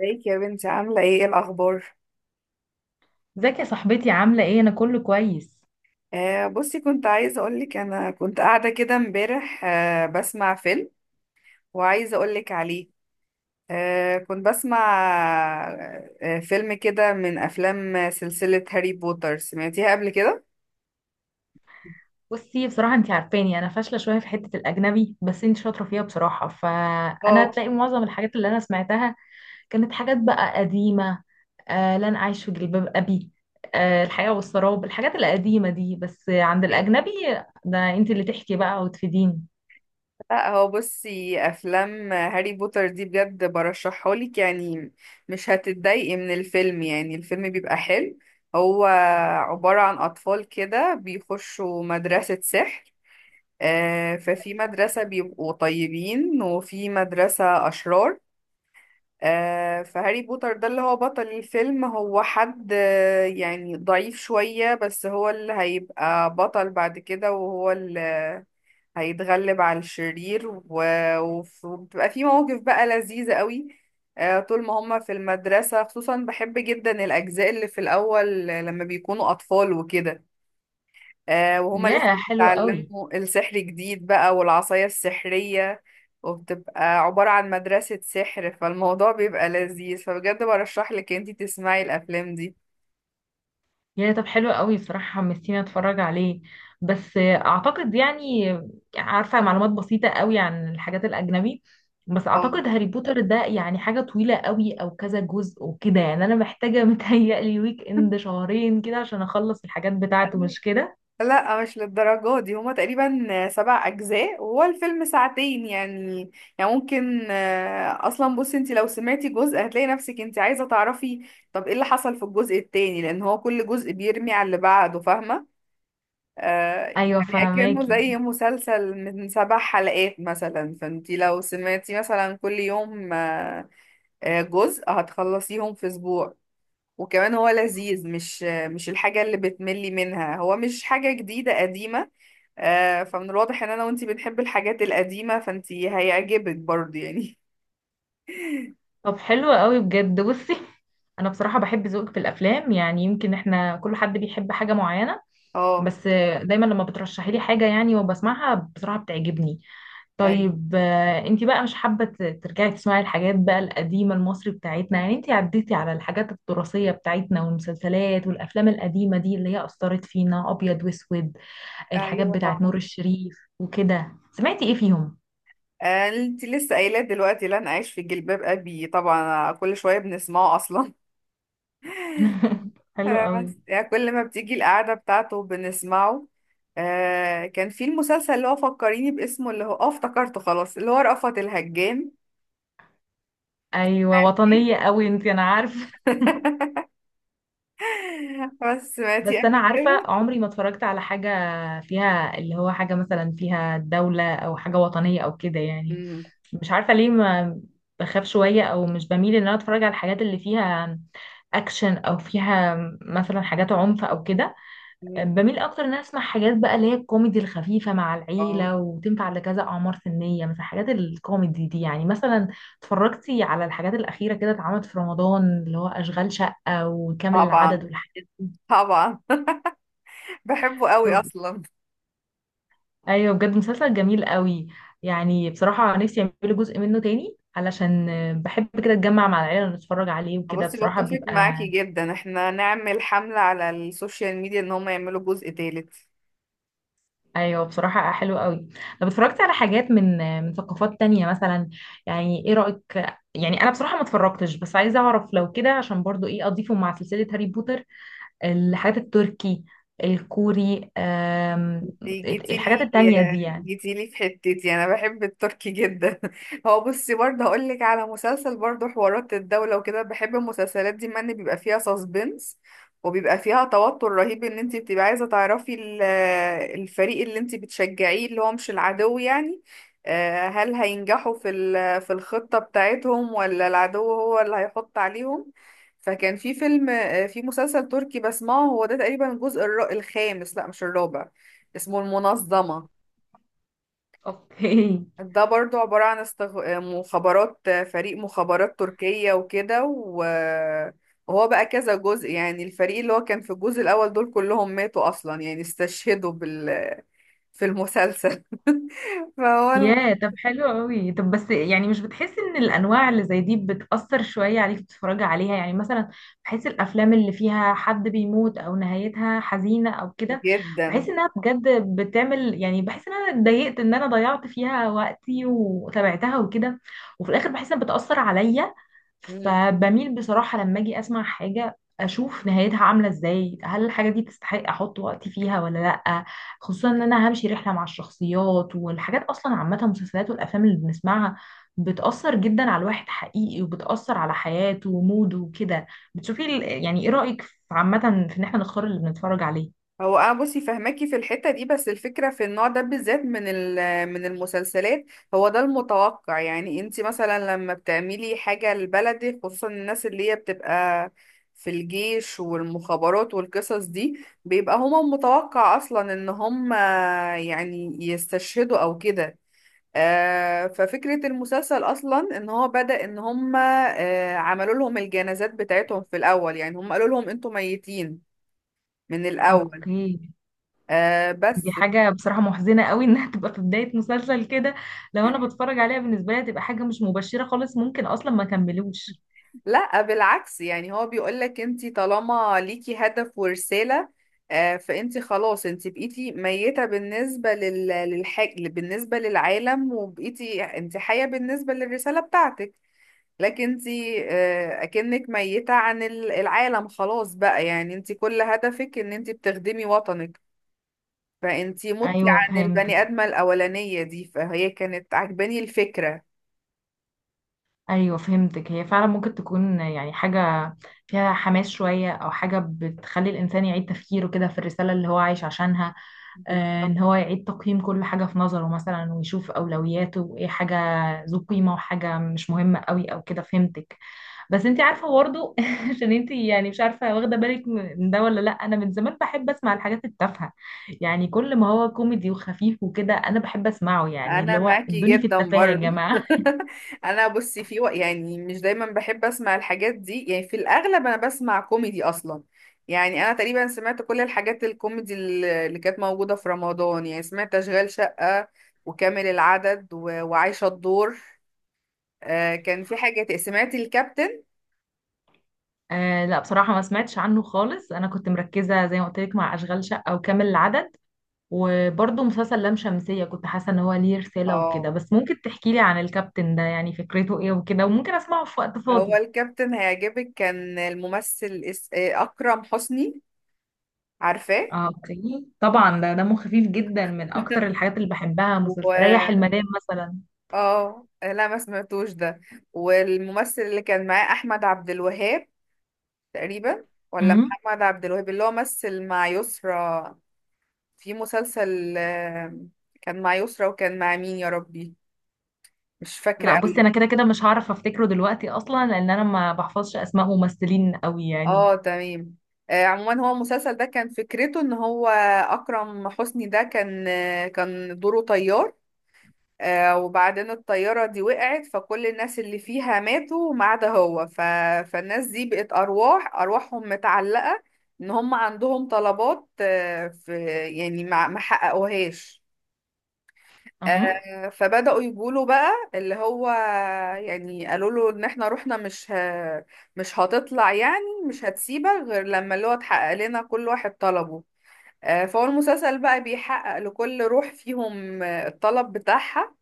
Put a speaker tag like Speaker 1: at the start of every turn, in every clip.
Speaker 1: ازيك يا بنتي، عاملة ايه؟ إيه الأخبار؟
Speaker 2: ازيك يا صاحبتي، عاملة ايه؟ انا كله كويس.
Speaker 1: آه، بصي كنت عايزة أقولك، أنا كنت قاعدة كده امبارح بسمع فيلم، وعايزة أقولك عليه. كنت بسمع فيلم كده من أفلام سلسلة هاري بوتر، سمعتيها قبل كده؟
Speaker 2: بصي، بصراحة انتي عارفاني، انا فاشلة شوية في حتة الاجنبي، بس انتي شاطرة فيها بصراحة، فانا
Speaker 1: اه،
Speaker 2: هتلاقي معظم الحاجات اللي انا سمعتها كانت حاجات بقى قديمة. آه، لن اعيش في جلباب ابي، آه، الحياة والسراب، الحاجات القديمة دي، بس عند الاجنبي ده انتي اللي تحكي بقى وتفيديني.
Speaker 1: لا هو بصي، أفلام هاري بوتر دي بجد برشحهالك، يعني مش هتتضايقي من الفيلم، يعني الفيلم بيبقى حلو. هو عبارة عن أطفال كده بيخشوا مدرسة سحر، ففي مدرسة بيبقوا طيبين وفي مدرسة أشرار، فهاري بوتر ده اللي هو بطل الفيلم، هو حد يعني ضعيف شوية، بس هو اللي هيبقى بطل بعد كده، وهو اللي هيتغلب على الشرير، و- وف- وبتبقى في مواقف بقى لذيذة قوي. طول ما هما في المدرسة، خصوصا بحب جدا الأجزاء اللي في الأول لما بيكونوا أطفال وكده، وهما لسه
Speaker 2: ياه حلو قوي.
Speaker 1: بيتعلموا السحر جديد بقى والعصاية السحرية، وبتبقى عبارة عن مدرسة سحر، فالموضوع بيبقى لذيذ، فبجد برشح لك انتي تسمعي الأفلام دي.
Speaker 2: يعني طب حلو قوي، بصراحة حمستيني اتفرج عليه، بس اعتقد يعني عارفة معلومات بسيطة قوي عن الحاجات الاجنبي، بس
Speaker 1: اه،
Speaker 2: اعتقد هاري بوتر ده يعني حاجة طويلة قوي او كذا جزء وكده، يعني انا محتاجة متهيألي ويك اند شهرين كده عشان اخلص الحاجات بتاعته، مش كده؟
Speaker 1: لا مش للدرجة دي، هما تقريبا 7 أجزاء وهو الفيلم ساعتين يعني ممكن أصلا بصي انتي لو سمعتي جزء هتلاقي نفسك انتي عايزة تعرفي طب ايه اللي حصل في الجزء التاني، لأن هو كل جزء بيرمي على اللي بعده، فاهمة؟
Speaker 2: ايوه
Speaker 1: يعني أكنه زي
Speaker 2: فهماكي.
Speaker 1: مسلسل من 7 حلقات مثلا، فانتي لو سمعتي مثلا كل يوم جزء هتخلصيهم في أسبوع. وكمان هو لذيذ، مش الحاجة اللي بتملي منها، هو مش حاجة جديدة قديمة. فمن الواضح ان انا وانتي بنحب الحاجات القديمة، فانتي هيعجبك برضه يعني.
Speaker 2: طب حلو قوي بجد. بصي، انا بصراحة بحب ذوقك في الافلام، يعني يمكن احنا كل حد بيحب حاجة معينة،
Speaker 1: اه،
Speaker 2: بس دايما لما بترشحي لي حاجة يعني وبسمعها بصراحة بتعجبني.
Speaker 1: ايوه،
Speaker 2: طيب، انتي بقى مش حابة ترجعي تسمعي الحاجات بقى القديمة المصري بتاعتنا؟ يعني انتي عديتي على الحاجات التراثية بتاعتنا والمسلسلات والأفلام القديمة دي اللي هي أثرت فينا، أبيض وأسود، الحاجات
Speaker 1: ايوه،
Speaker 2: بتاعت
Speaker 1: طبعا.
Speaker 2: نور الشريف وكده، سمعتي ايه فيهم؟
Speaker 1: انتي لسه قايلة دلوقتي لن اعيش في جلباب ابي، طبعا كل شوية بنسمعه اصلا،
Speaker 2: حلو قوي.
Speaker 1: بس يعني كل ما بتيجي القعدة بتاعته بنسمعه. كان في المسلسل اللي هو فكريني باسمه، اللي هو افتكرته خلاص، اللي هو رأفت الهجان.
Speaker 2: ايوه وطنية قوي انتي، انا عارفة.
Speaker 1: بس سمعتي
Speaker 2: بس انا
Speaker 1: قبل
Speaker 2: عارفة
Speaker 1: كده؟
Speaker 2: عمري ما اتفرجت على حاجة فيها اللي هو حاجة مثلا فيها دولة او حاجة وطنية او كده، يعني
Speaker 1: مم،
Speaker 2: مش عارفة ليه، ما بخاف شوية او مش بميل ان انا اتفرج على الحاجات اللي فيها اكشن او فيها مثلا حاجات عنف او كده.
Speaker 1: مم.
Speaker 2: بميل اكتر ان انا اسمع حاجات بقى اللي هي الكوميدي الخفيفة مع
Speaker 1: اه،
Speaker 2: العيلة وتنفع لكذا اعمار سنية، مثلا حاجات الكوميدي دي. يعني مثلا اتفرجتي على الحاجات الاخيرة كده اتعملت في رمضان اللي هو اشغال شقة وكامل العدد
Speaker 1: طبعا،
Speaker 2: والحاجات
Speaker 1: طبعا. بحبه قوي
Speaker 2: دي؟
Speaker 1: اصلا.
Speaker 2: ايوه بجد، مسلسل جميل قوي. يعني بصراحه نفسي يعملوا جزء منه تاني، علشان بحب كده اتجمع مع العيله ونتفرج عليه وكده،
Speaker 1: بصي
Speaker 2: بصراحه
Speaker 1: بتفق معاكي
Speaker 2: بيبقى.
Speaker 1: جدا، احنا نعمل حملة على السوشيال ميديا ان هم يعملوا جزء تالت.
Speaker 2: ايوه بصراحه حلو قوي. طب اتفرجت على حاجات من ثقافات تانية مثلا؟ يعني ايه رايك؟ يعني انا بصراحه ما اتفرجتش، بس عايزه اعرف لو كده عشان برضو ايه اضيفه مع سلسله هاري بوتر. الحاجات التركي، الكوري،
Speaker 1: دي
Speaker 2: الحاجات
Speaker 1: جيتيلي،
Speaker 2: التانية دي يعني.
Speaker 1: جيتيلي في حتتي، انا بحب التركي جدا. هو بصي برضه هقول لك على مسلسل، برضه حوارات الدولة وكده، بحب المسلسلات دي من بيبقى فيها ساسبنس، وبيبقى فيها توتر رهيب ان انت بتبقى عايزة تعرفي الفريق اللي انت بتشجعيه اللي هو مش العدو يعني، هل هينجحوا في الخطة بتاعتهم ولا العدو هو اللي هيحط عليهم. فكان في فيلم، في مسلسل تركي بسمعه، هو ده تقريبا الجزء الخامس، لا مش الرابع، اسمه المنظمة.
Speaker 2: اوكي.
Speaker 1: ده برضو عبارة عن مخابرات، فريق مخابرات تركية وكده و... وهو بقى كذا جزء، يعني الفريق اللي هو كان في الجزء الأول دول كلهم ماتوا أصلا، يعني استشهدوا في المسلسل. فهو الم-
Speaker 2: ياه طب حلو قوي. طب بس يعني مش بتحس ان الانواع اللي زي دي بتأثر شوية عليك بتتفرجي عليها؟ يعني مثلا بحس الافلام اللي فيها حد بيموت او نهايتها حزينة او كده،
Speaker 1: جدا.
Speaker 2: بحس انها بجد بتعمل، يعني بحس ان انا اتضايقت ان انا ضيعت فيها وقتي وتابعتها وكده، وفي الاخر بحس انها بتأثر عليا. فبميل بصراحة لما اجي اسمع حاجة اشوف نهايتها عاملة ازاي، هل الحاجة دي تستحق احط وقتي فيها ولا لا، خصوصا ان انا همشي رحله مع الشخصيات والحاجات. اصلا عامه المسلسلات والافلام اللي بنسمعها بتاثر جدا على الواحد حقيقي، وبتاثر على حياته وموده وكده. بتشوفي يعني ايه رايك عامه في ان احنا نختار اللي بنتفرج عليه؟
Speaker 1: هو انا بصي فهماكي في الحته دي، بس الفكره في النوع ده بالذات من المسلسلات، هو ده المتوقع، يعني انت مثلا لما بتعملي حاجه لبلدك، خصوصا الناس اللي هي بتبقى في الجيش والمخابرات والقصص دي، بيبقى هما متوقع اصلا ان هما يعني يستشهدوا او كده. ففكره المسلسل اصلا ان هو بدأ ان هما عملوا لهم الجنازات بتاعتهم في الاول، يعني هما قالوا لهم انتوا ميتين من الاول.
Speaker 2: اوكي. دي
Speaker 1: بس
Speaker 2: حاجه بصراحه محزنه قوي انها تبقى في بدايه مسلسل كده، لو انا بتفرج عليها بالنسبه لي هتبقى حاجه مش مبشره خالص، ممكن اصلا ما كملوش.
Speaker 1: لا بالعكس، يعني هو بيقولك انت طالما ليكي هدف ورسالة، فانت خلاص، انت بقيتي ميتة بالنسبة للعالم، وبقيتي انت حية بالنسبة للرسالة بتاعتك، لكن انت اكنك ميتة عن العالم خلاص بقى، يعني انت كل هدفك ان انت بتخدمي وطنك، فانت متي
Speaker 2: ايوه
Speaker 1: عن
Speaker 2: فهمت.
Speaker 1: البني آدمة الأولانية دي، فهي كانت عجباني الفكرة.
Speaker 2: ايوه فهمتك، هي فعلا ممكن تكون يعني حاجه فيها حماس شويه او حاجه بتخلي الانسان يعيد تفكيره كده في الرساله اللي هو عايش عشانها،
Speaker 1: بالظبط،
Speaker 2: ان هو يعيد تقييم كل حاجه في نظره مثلا ويشوف اولوياته وايه حاجه ذو قيمه وحاجه مش مهمه قوي او كده. فهمتك. بس انت عارفه برضه عشان انت يعني مش عارفه واخده بالك من ده ولا لا، انا من زمان بحب اسمع الحاجات التافهه، يعني كل ما هو كوميدي وخفيف وكده انا بحب اسمعه، يعني اللي
Speaker 1: انا
Speaker 2: هو
Speaker 1: معاكي
Speaker 2: ادوني في
Speaker 1: جدا
Speaker 2: التفاهه يا
Speaker 1: برضو.
Speaker 2: جماعه.
Speaker 1: انا بصي يعني مش دايما بحب اسمع الحاجات دي، يعني في الاغلب انا بسمع كوميدي اصلا، يعني انا تقريبا سمعت كل الحاجات الكوميدي اللي كانت موجودة في رمضان، يعني سمعت اشغال شقة وكامل العدد و... وعايشة الدور. كان في حاجة سمعت الكابتن.
Speaker 2: آه لا، بصراحة ما سمعتش عنه خالص، أنا كنت مركزة زي ما قلت لك مع أشغال شقة وكامل العدد، وبرضه مسلسل لام شمسية كنت حاسة إن هو ليه رسالة وكده،
Speaker 1: اه،
Speaker 2: بس ممكن تحكي لي عن الكابتن ده يعني فكرته إيه وكده، وممكن أسمعه في وقت
Speaker 1: هو
Speaker 2: فاضي.
Speaker 1: الكابتن هيعجبك، كان الممثل اس... آه، اكرم حسني، عارفاه؟
Speaker 2: اه اوكي طبعا، ده دمه خفيف جدا، من أكتر الحاجات اللي بحبها مسلسل ريح المدام مثلا.
Speaker 1: اه، لا ما سمعتوش ده، والممثل اللي كان معاه احمد عبد الوهاب تقريبا، ولا
Speaker 2: امم
Speaker 1: محمد عبد الوهاب اللي هو مثل مع يسرا في مسلسل، كان مع يسرا وكان مع مين يا ربي؟ مش
Speaker 2: لا
Speaker 1: فاكرة
Speaker 2: بصي،
Speaker 1: قوي.
Speaker 2: أنا كده كده مش هعرف أفتكره دلوقتي أصلا لأن أنا ما بحفظش أسماء ممثلين قوي يعني.
Speaker 1: اه، تمام. عموما هو المسلسل ده كان فكرته ان هو، اكرم حسني ده كان دوره طيار، وبعدين الطيارة دي وقعت، فكل الناس اللي فيها ماتوا ما عدا هو، فالناس دي بقت أرواحهم متعلقة، إن هم عندهم طلبات، في، يعني ما حققوهاش. فبدأوا يقولوا بقى اللي هو، يعني قالوا له إن إحنا روحنا مش هتطلع، يعني مش هتسيبك غير لما اللي هو اتحقق لنا كل واحد طلبه. فهو المسلسل بقى بيحقق لكل روح فيهم الطلب بتاعها،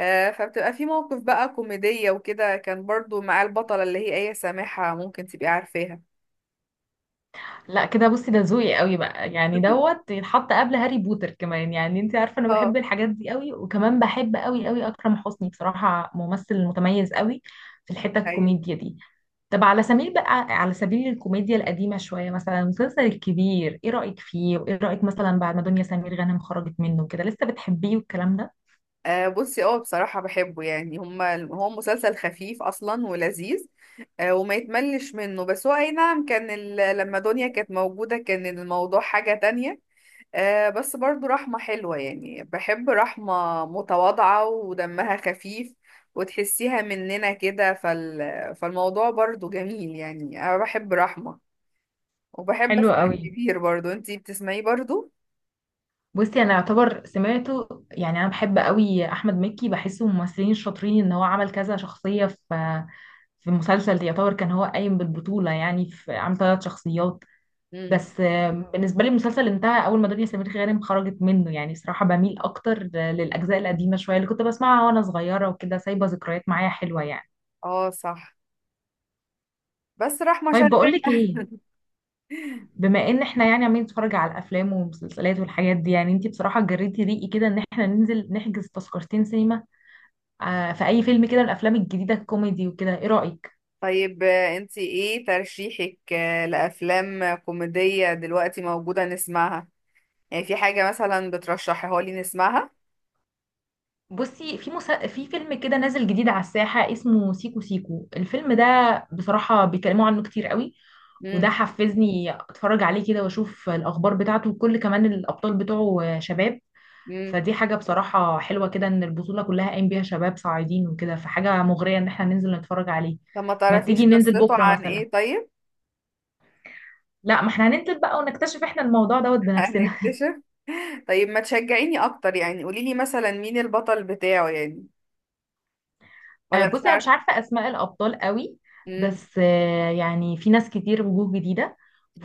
Speaker 1: فبتبقى في موقف بقى كوميدية وكده، كان برضو مع البطلة اللي هي آية سامحة، ممكن تبقي عارفاها.
Speaker 2: لا كده بصي، ده ذوقي قوي بقى، يعني دوت يتحط قبل هاري بوتر كمان، يعني انت عارفه انا بحب
Speaker 1: اه،
Speaker 2: الحاجات دي قوي، وكمان بحب قوي قوي اكرم حسني، بصراحه ممثل متميز قوي في الحته
Speaker 1: ايوه.
Speaker 2: الكوميديا دي. طب على سبيل بقى، على سبيل الكوميديا القديمه شويه، مثلا مسلسل الكبير ايه رايك فيه؟ وايه رايك مثلا بعد ما دنيا سمير غانم خرجت منه كده، لسه بتحبيه والكلام ده؟
Speaker 1: آه، بصي بصراحة بحبه يعني، هو مسلسل خفيف أصلا ولذيذ وما يتملش منه، بس هو، أي نعم، كان لما دنيا كانت موجودة كان الموضوع حاجة تانية. بس برضو رحمة حلوة، يعني بحب رحمة متواضعة ودمها خفيف، وتحسيها مننا كده، فالموضوع برضو جميل، يعني أنا بحب رحمة، وبحب
Speaker 2: حلو
Speaker 1: اسمع
Speaker 2: قوي.
Speaker 1: الكبير. برضو انتي بتسمعيه برضو؟
Speaker 2: بصي انا اعتبر سمعته، يعني انا بحب قوي احمد مكي، بحسه من الممثلين الشاطرين ان هو عمل كذا شخصيه في مسلسل، يعتبر كان هو قايم بالبطوله، يعني في عمل ثلاث شخصيات.
Speaker 1: مم.
Speaker 2: بس بالنسبه لي المسلسل انتهى اول ما دنيا سمير غانم خرجت منه، يعني بصراحه بميل اكتر للاجزاء القديمه شويه اللي كنت بسمعها وانا صغيره وكده، سايبه ذكريات معايا حلوه يعني.
Speaker 1: اه، صح، بس رحمة
Speaker 2: طيب
Speaker 1: شغالة.
Speaker 2: بقول لك ايه، بما ان احنا يعني عمالين نتفرج على الافلام والمسلسلات والحاجات دي، يعني انتي بصراحه جريتي ريقي كده ان احنا ننزل نحجز تذكرتين سينما في اي فيلم كده، الافلام الجديده الكوميدي وكده، ايه رايك؟
Speaker 1: طيب انتي ايه ترشيحك لأفلام كوميدية دلوقتي موجودة نسمعها؟ يعني في حاجة مثلا بترشحيها لي نسمعها؟
Speaker 2: بصي في في فيلم كده نازل جديد على الساحه اسمه سيكو سيكو، الفيلم ده بصراحه بيتكلموا عنه كتير قوي، وده
Speaker 1: مم.
Speaker 2: حفزني اتفرج عليه كده واشوف الاخبار بتاعته، وكل كمان الابطال بتوعه شباب،
Speaker 1: مم.
Speaker 2: فدي حاجه بصراحه حلوه كده ان البطوله كلها قايم بيها شباب صاعدين وكده، فحاجه مغريه ان احنا ننزل نتفرج عليه.
Speaker 1: طب ما
Speaker 2: ما
Speaker 1: تعرفيش
Speaker 2: تيجي ننزل
Speaker 1: قصته
Speaker 2: بكره
Speaker 1: عن
Speaker 2: مثلا؟
Speaker 1: ايه طيب.
Speaker 2: لا ما احنا هننزل بقى ونكتشف احنا الموضوع دوت بنفسنا.
Speaker 1: هنكتشف. طيب ما تشجعيني اكتر، يعني قوليلي مثلا مين البطل بتاعه يعني، ولا مش
Speaker 2: بصي انا مش
Speaker 1: عارفة؟
Speaker 2: عارفه اسماء الابطال قوي،
Speaker 1: مم.
Speaker 2: بس يعني في ناس كتير وجوه جديده،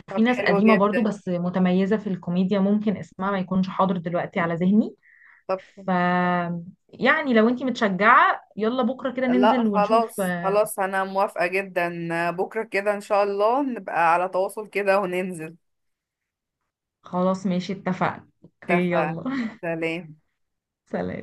Speaker 2: وفي
Speaker 1: طب
Speaker 2: ناس
Speaker 1: حلو
Speaker 2: قديمه برضو
Speaker 1: جدا.
Speaker 2: بس متميزه في الكوميديا، ممكن اسمها ما يكونش حاضر دلوقتي على ذهني.
Speaker 1: طب
Speaker 2: ف يعني لو انتي متشجعه يلا بكره كده
Speaker 1: لا،
Speaker 2: ننزل ونشوف.
Speaker 1: خلاص خلاص انا موافقة جدا، بكرة كده ان شاء الله نبقى على تواصل كده وننزل.
Speaker 2: خلاص ماشي اتفقنا اوكي
Speaker 1: اتفقنا.
Speaker 2: يلا.
Speaker 1: سلام.
Speaker 2: سلام.